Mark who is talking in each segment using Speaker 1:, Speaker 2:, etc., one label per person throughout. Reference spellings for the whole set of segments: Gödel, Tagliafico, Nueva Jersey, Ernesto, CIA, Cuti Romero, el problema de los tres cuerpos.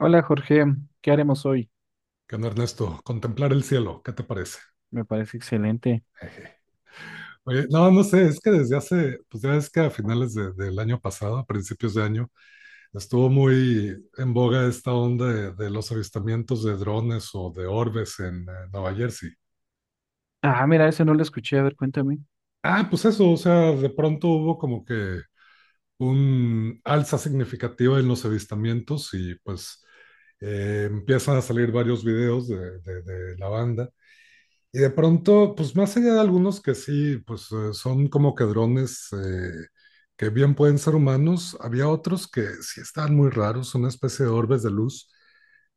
Speaker 1: Hola Jorge, ¿qué haremos hoy?
Speaker 2: ¿Qué onda, Ernesto? Contemplar el cielo, ¿qué te parece?
Speaker 1: Me parece excelente.
Speaker 2: Oye, no, no sé, es que desde hace, pues ya es que a finales del año pasado, a principios de año, estuvo muy en boga esta onda de los avistamientos de drones o de orbes en Nueva Jersey.
Speaker 1: Ah, mira, ese no lo escuché, a ver, cuéntame.
Speaker 2: Ah, pues eso, o sea, de pronto hubo como que un alza significativa en los avistamientos y pues empiezan a salir varios videos de la banda. Y de pronto, pues más allá de algunos que sí, pues son como que drones que bien pueden ser humanos, había otros que sí estaban muy raros, una especie de orbes de luz,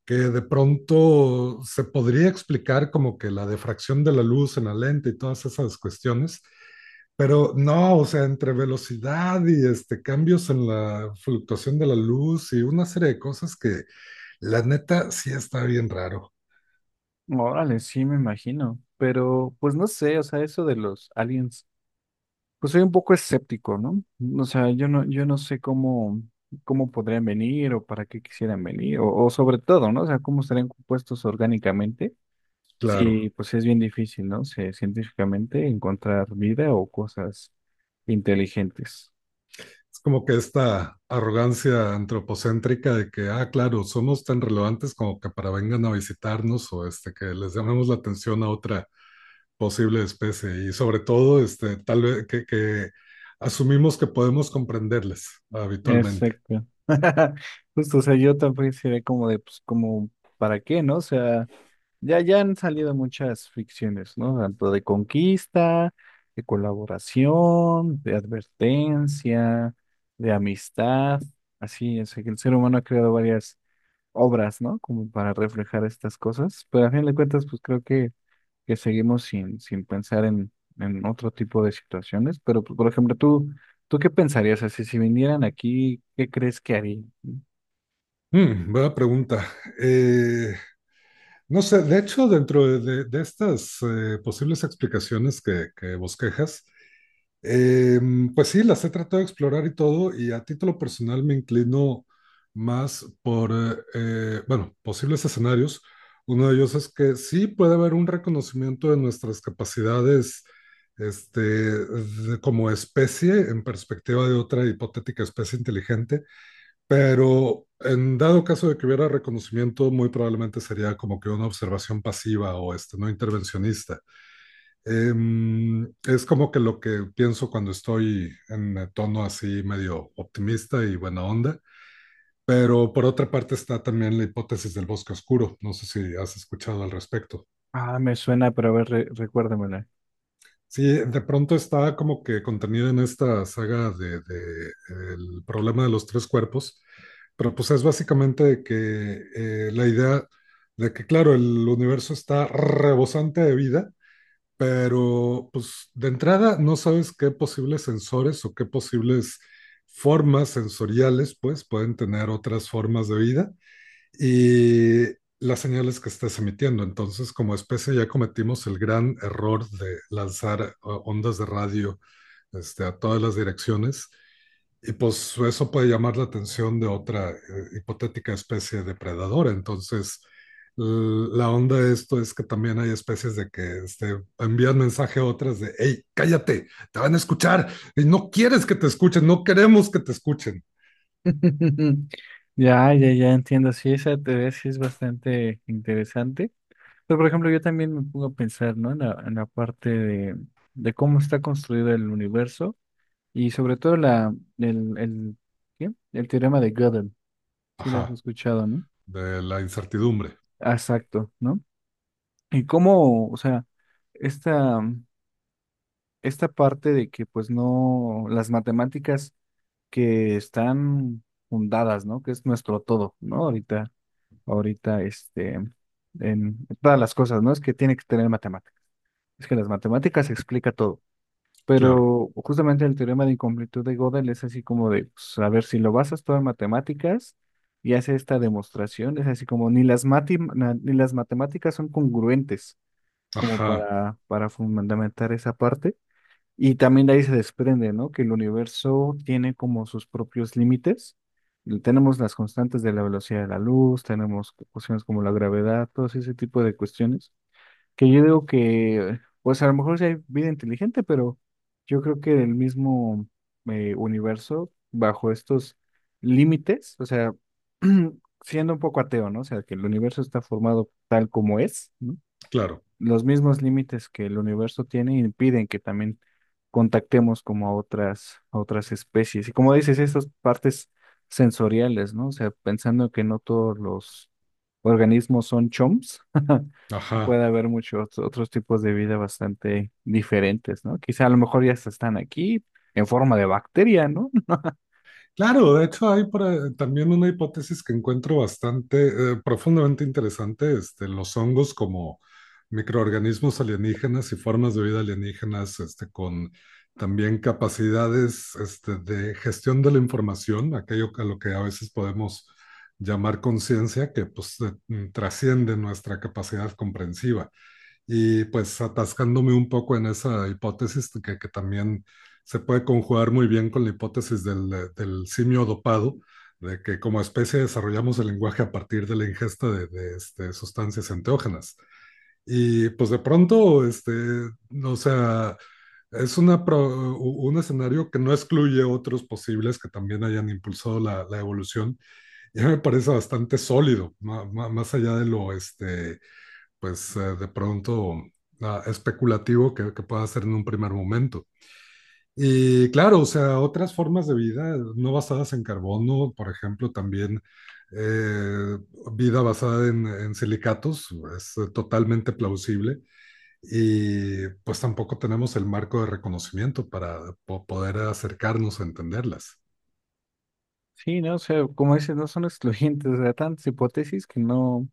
Speaker 2: que de pronto se podría explicar como que la difracción de la luz en la lente y todas esas cuestiones, pero no, o sea, entre velocidad y este, cambios en la fluctuación de la luz y una serie de cosas que la neta sí está bien raro,
Speaker 1: Órale, sí, me imagino, pero pues no sé, o sea, eso de los aliens, pues soy un poco escéptico, ¿no? O sea, yo no sé cómo, cómo podrían venir o para qué quisieran venir, o sobre todo, ¿no? O sea, cómo estarían compuestos orgánicamente.
Speaker 2: claro.
Speaker 1: Sí, pues es bien difícil, ¿no? Sí, científicamente encontrar vida o cosas inteligentes.
Speaker 2: Es como que esta arrogancia antropocéntrica de que, ah, claro, somos tan relevantes como que para vengan a visitarnos o este, que les llamemos la atención a otra posible especie y sobre todo, este, tal vez que asumimos que podemos comprenderles habitualmente.
Speaker 1: Exacto. Justo, o sea, yo también sería como de, pues, como, ¿para qué, no? O sea, ya han salido muchas ficciones, ¿no? Tanto de conquista, de colaboración, de advertencia, de amistad, así, o sea, que el ser humano ha creado varias obras, ¿no? Como para reflejar estas cosas, pero a fin de cuentas, pues creo que seguimos sin pensar en otro tipo de situaciones. Pero, pues, por ejemplo, tú, ¿tú qué pensarías? Así, si vinieran aquí, ¿qué crees que harían?
Speaker 2: Mm, buena pregunta. Eh, no sé, de hecho, dentro de estas posibles explicaciones que bosquejas. Pues sí, las he tratado de explorar y todo, y a título personal me inclino más por, bueno, posibles escenarios. Uno de ellos es que sí puede haber un reconocimiento de nuestras capacidades, este, de- como especie en perspectiva de otra hipotética especie inteligente, pero en dado caso de que hubiera reconocimiento, muy probablemente sería como que una observación pasiva o este, no intervencionista. Es como que lo que pienso cuando estoy en tono así medio optimista y buena onda. Pero por otra parte está también la hipótesis del bosque oscuro. No sé si has escuchado al respecto.
Speaker 1: Ah, me suena, pero a ver, recuérdamela.
Speaker 2: Sí, de pronto está como que contenida en esta saga de, el problema de los tres cuerpos. Pero pues es básicamente que la idea de que, claro, el universo está rebosante de vida, pero pues de entrada no sabes qué posibles sensores o qué posibles formas sensoriales pues pueden tener otras formas de vida y las señales que estás emitiendo. Entonces, como especie ya cometimos el gran error de lanzar ondas de radio este, a todas las direcciones y pues eso puede llamar la atención de otra hipotética especie depredadora. Entonces, la onda de esto es que también hay especies de que este, envían mensaje a otras de, hey, cállate, te van a escuchar, y no quieres que te escuchen, no queremos que te escuchen.
Speaker 1: Ya, ya, ya entiendo. Sí, esa teoría sí es bastante interesante. Pero, por ejemplo, yo también me pongo a pensar, ¿no? En la parte de cómo está construido el universo y sobre todo la, el, el, ¿qué? El teorema de Gödel. Sí, lo has
Speaker 2: Ajá,
Speaker 1: escuchado, ¿no?
Speaker 2: de la incertidumbre,
Speaker 1: Ah, exacto, ¿no? Y cómo, o sea, esta, esta parte de que pues no, las matemáticas que están fundadas, ¿no? Que es nuestro todo, ¿no? Ahorita, este, en todas las cosas, ¿no? Es que tiene que tener matemáticas. Es que las matemáticas explica todo.
Speaker 2: claro.
Speaker 1: Pero justamente el teorema de incompletud de Gödel es así como de, pues, a ver, si lo basas todo en matemáticas y hace esta demostración, es así como ni ni las matemáticas son congruentes como
Speaker 2: Ajá,
Speaker 1: para fundamentar esa parte. Y también de ahí se desprende, ¿no? Que el universo tiene como sus propios límites. Y tenemos las constantes de la velocidad de la luz, tenemos cuestiones como la gravedad, todo ese tipo de cuestiones. Que yo digo que, pues a lo mejor sí hay vida inteligente, pero yo creo que el mismo universo, bajo estos límites, o sea, siendo un poco ateo, ¿no? O sea, que el universo está formado tal como es, ¿no?
Speaker 2: claro.
Speaker 1: Los mismos límites que el universo tiene impiden que también contactemos como a otras especies. Y como dices, esas partes sensoriales, ¿no? O sea, pensando que no todos los organismos son chomps,
Speaker 2: Ajá.
Speaker 1: puede haber muchos otros tipos de vida bastante diferentes, ¿no? Quizá a lo mejor ya hasta están aquí en forma de bacteria, ¿no?
Speaker 2: Claro, de hecho hay por ahí también una hipótesis que encuentro bastante, profundamente interesante, este, los hongos como microorganismos alienígenas y formas de vida alienígenas, este, con también capacidades, este, de gestión de la información, aquello a lo que a veces podemos llamar conciencia, que pues trasciende nuestra capacidad comprensiva. Y pues atascándome un poco en esa hipótesis que también se puede conjugar muy bien con la hipótesis del, del simio dopado, de que como especie desarrollamos el lenguaje a partir de la ingesta este, sustancias enteógenas. Y pues de pronto, este, o sea, es una un escenario que no excluye otros posibles que también hayan impulsado la, la evolución. Ya me parece bastante sólido, más allá de lo, este, pues de pronto ah, especulativo que pueda hacer en un primer momento. Y claro, o sea, otras formas de vida no basadas en carbono, por ejemplo, también eh, vida basada en silicatos es totalmente plausible y pues tampoco tenemos el marco de reconocimiento para poder acercarnos a entenderlas.
Speaker 1: Sí, ¿no? O sea, como dices, no son excluyentes, o sea, tantas hipótesis que no,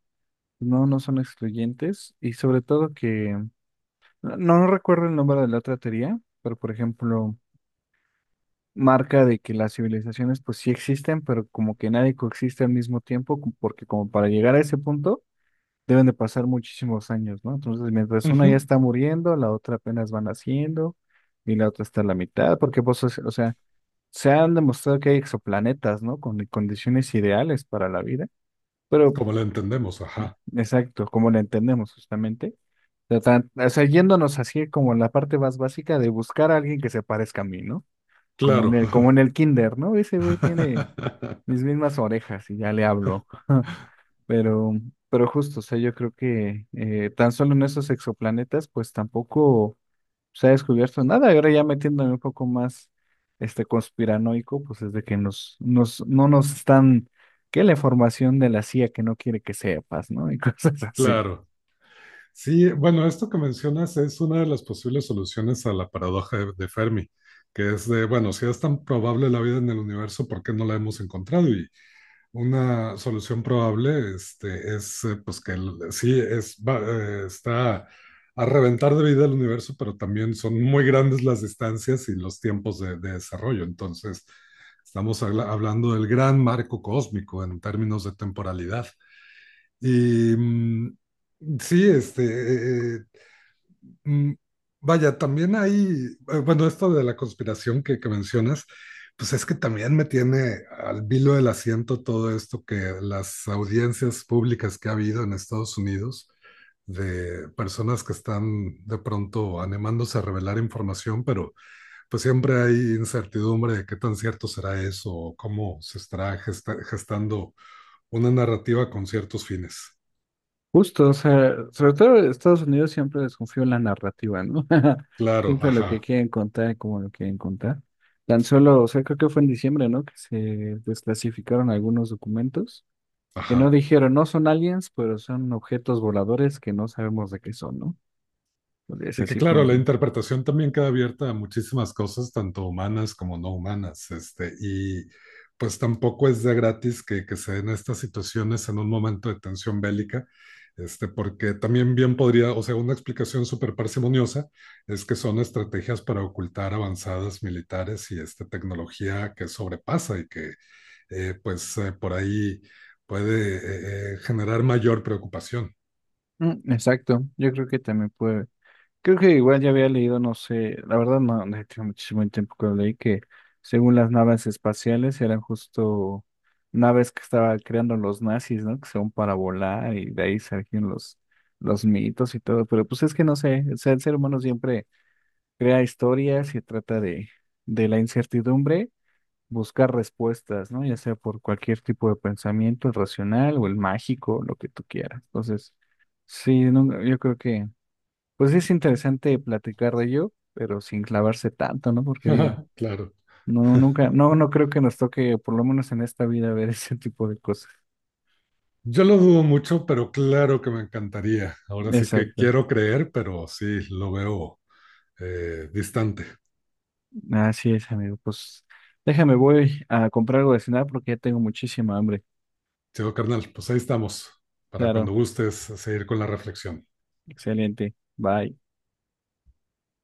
Speaker 1: no, no son excluyentes y sobre todo que no recuerdo el nombre de la otra teoría, pero por ejemplo, marca de que las civilizaciones pues sí existen, pero como que nadie coexiste al mismo tiempo, porque como para llegar a ese punto deben de pasar muchísimos años, ¿no? Entonces, mientras una ya
Speaker 2: Ujú.
Speaker 1: está muriendo, la otra apenas van haciendo y la otra está a la mitad, porque pues, o sea, se han demostrado que hay exoplanetas, ¿no? Con condiciones ideales para la vida, pero
Speaker 2: Como la entendemos, ajá.
Speaker 1: exacto, como la entendemos justamente. O sea, yéndonos así como en la parte más básica de buscar a alguien que se parezca a mí, ¿no?
Speaker 2: Claro.
Speaker 1: Como en el kinder, ¿no? Ese güey tiene mis mismas orejas y ya le hablo. Pero, pero justo, o sea, yo creo que tan solo en esos exoplanetas, pues tampoco se ha descubierto nada. Y ahora ya metiéndome un poco más este conspiranoico, pues es de que no nos están, que la información de la CIA que no quiere que sepas, ¿no? Y cosas así.
Speaker 2: Claro. Sí, bueno, esto que mencionas es una de las posibles soluciones a la paradoja de Fermi, que es de, bueno, si es tan probable la vida en el universo, ¿por qué no la hemos encontrado? Y una solución probable este, es, pues, que sí, es, está a reventar de vida el universo, pero también son muy grandes las distancias y los tiempos de desarrollo. Entonces, estamos hablando del gran marco cósmico en términos de temporalidad. Y... sí, este, Mm, vaya, también hay, bueno, esto de la conspiración que mencionas, pues es que también me tiene al vilo del asiento todo esto que las audiencias públicas que ha habido en Estados Unidos de personas que están de pronto animándose a revelar información, pero pues siempre hay incertidumbre de qué tan cierto será eso o cómo se estará gestando una narrativa con ciertos fines.
Speaker 1: Justo, o sea, sobre todo Estados Unidos siempre desconfío en la narrativa, ¿no?
Speaker 2: Claro,
Speaker 1: Siempre lo que
Speaker 2: ajá,
Speaker 1: quieren contar, como lo quieren contar. Tan solo, o sea, creo que fue en diciembre, ¿no? Que se desclasificaron algunos documentos que no
Speaker 2: ajá.
Speaker 1: dijeron, no son aliens, pero son objetos voladores que no sabemos de qué son, ¿no? Es
Speaker 2: Y que
Speaker 1: así
Speaker 2: claro, la
Speaker 1: como...
Speaker 2: interpretación también queda abierta a muchísimas cosas, tanto humanas como no humanas, este, y pues tampoco es de gratis que se den estas situaciones en un momento de tensión bélica, este, porque también bien podría, o sea, una explicación súper parsimoniosa es que son estrategias para ocultar avanzadas militares y este, tecnología que sobrepasa y que por ahí puede generar mayor preocupación.
Speaker 1: Mm, exacto, yo creo que también creo que igual ya había leído, no sé, la verdad no, no tiene muchísimo tiempo que lo leí, que según las naves espaciales eran justo naves que estaban creando los nazis, ¿no? Que son para volar y de ahí surgieron los mitos y todo, pero pues es que no sé, o sea, el ser humano siempre crea historias y trata de la incertidumbre buscar respuestas, ¿no? Ya sea por cualquier tipo de pensamiento, el racional o el mágico, lo que tú quieras. Entonces, sí, no, yo creo que... Pues sí es interesante platicar de ello, pero sin clavarse tanto, ¿no? Porque digo,
Speaker 2: Claro.
Speaker 1: no, nunca, no, no creo que nos toque, por lo menos en esta vida, ver ese tipo de cosas.
Speaker 2: Yo lo dudo mucho, pero claro que me encantaría. Ahora sí que
Speaker 1: Exacto.
Speaker 2: quiero creer, pero sí, lo veo distante.
Speaker 1: Así es, amigo. Pues déjame, voy a comprar algo de cenar porque ya tengo muchísima hambre.
Speaker 2: Chido, carnal, pues ahí estamos, para cuando
Speaker 1: Claro,
Speaker 2: gustes seguir con la reflexión.
Speaker 1: excelente. Bye.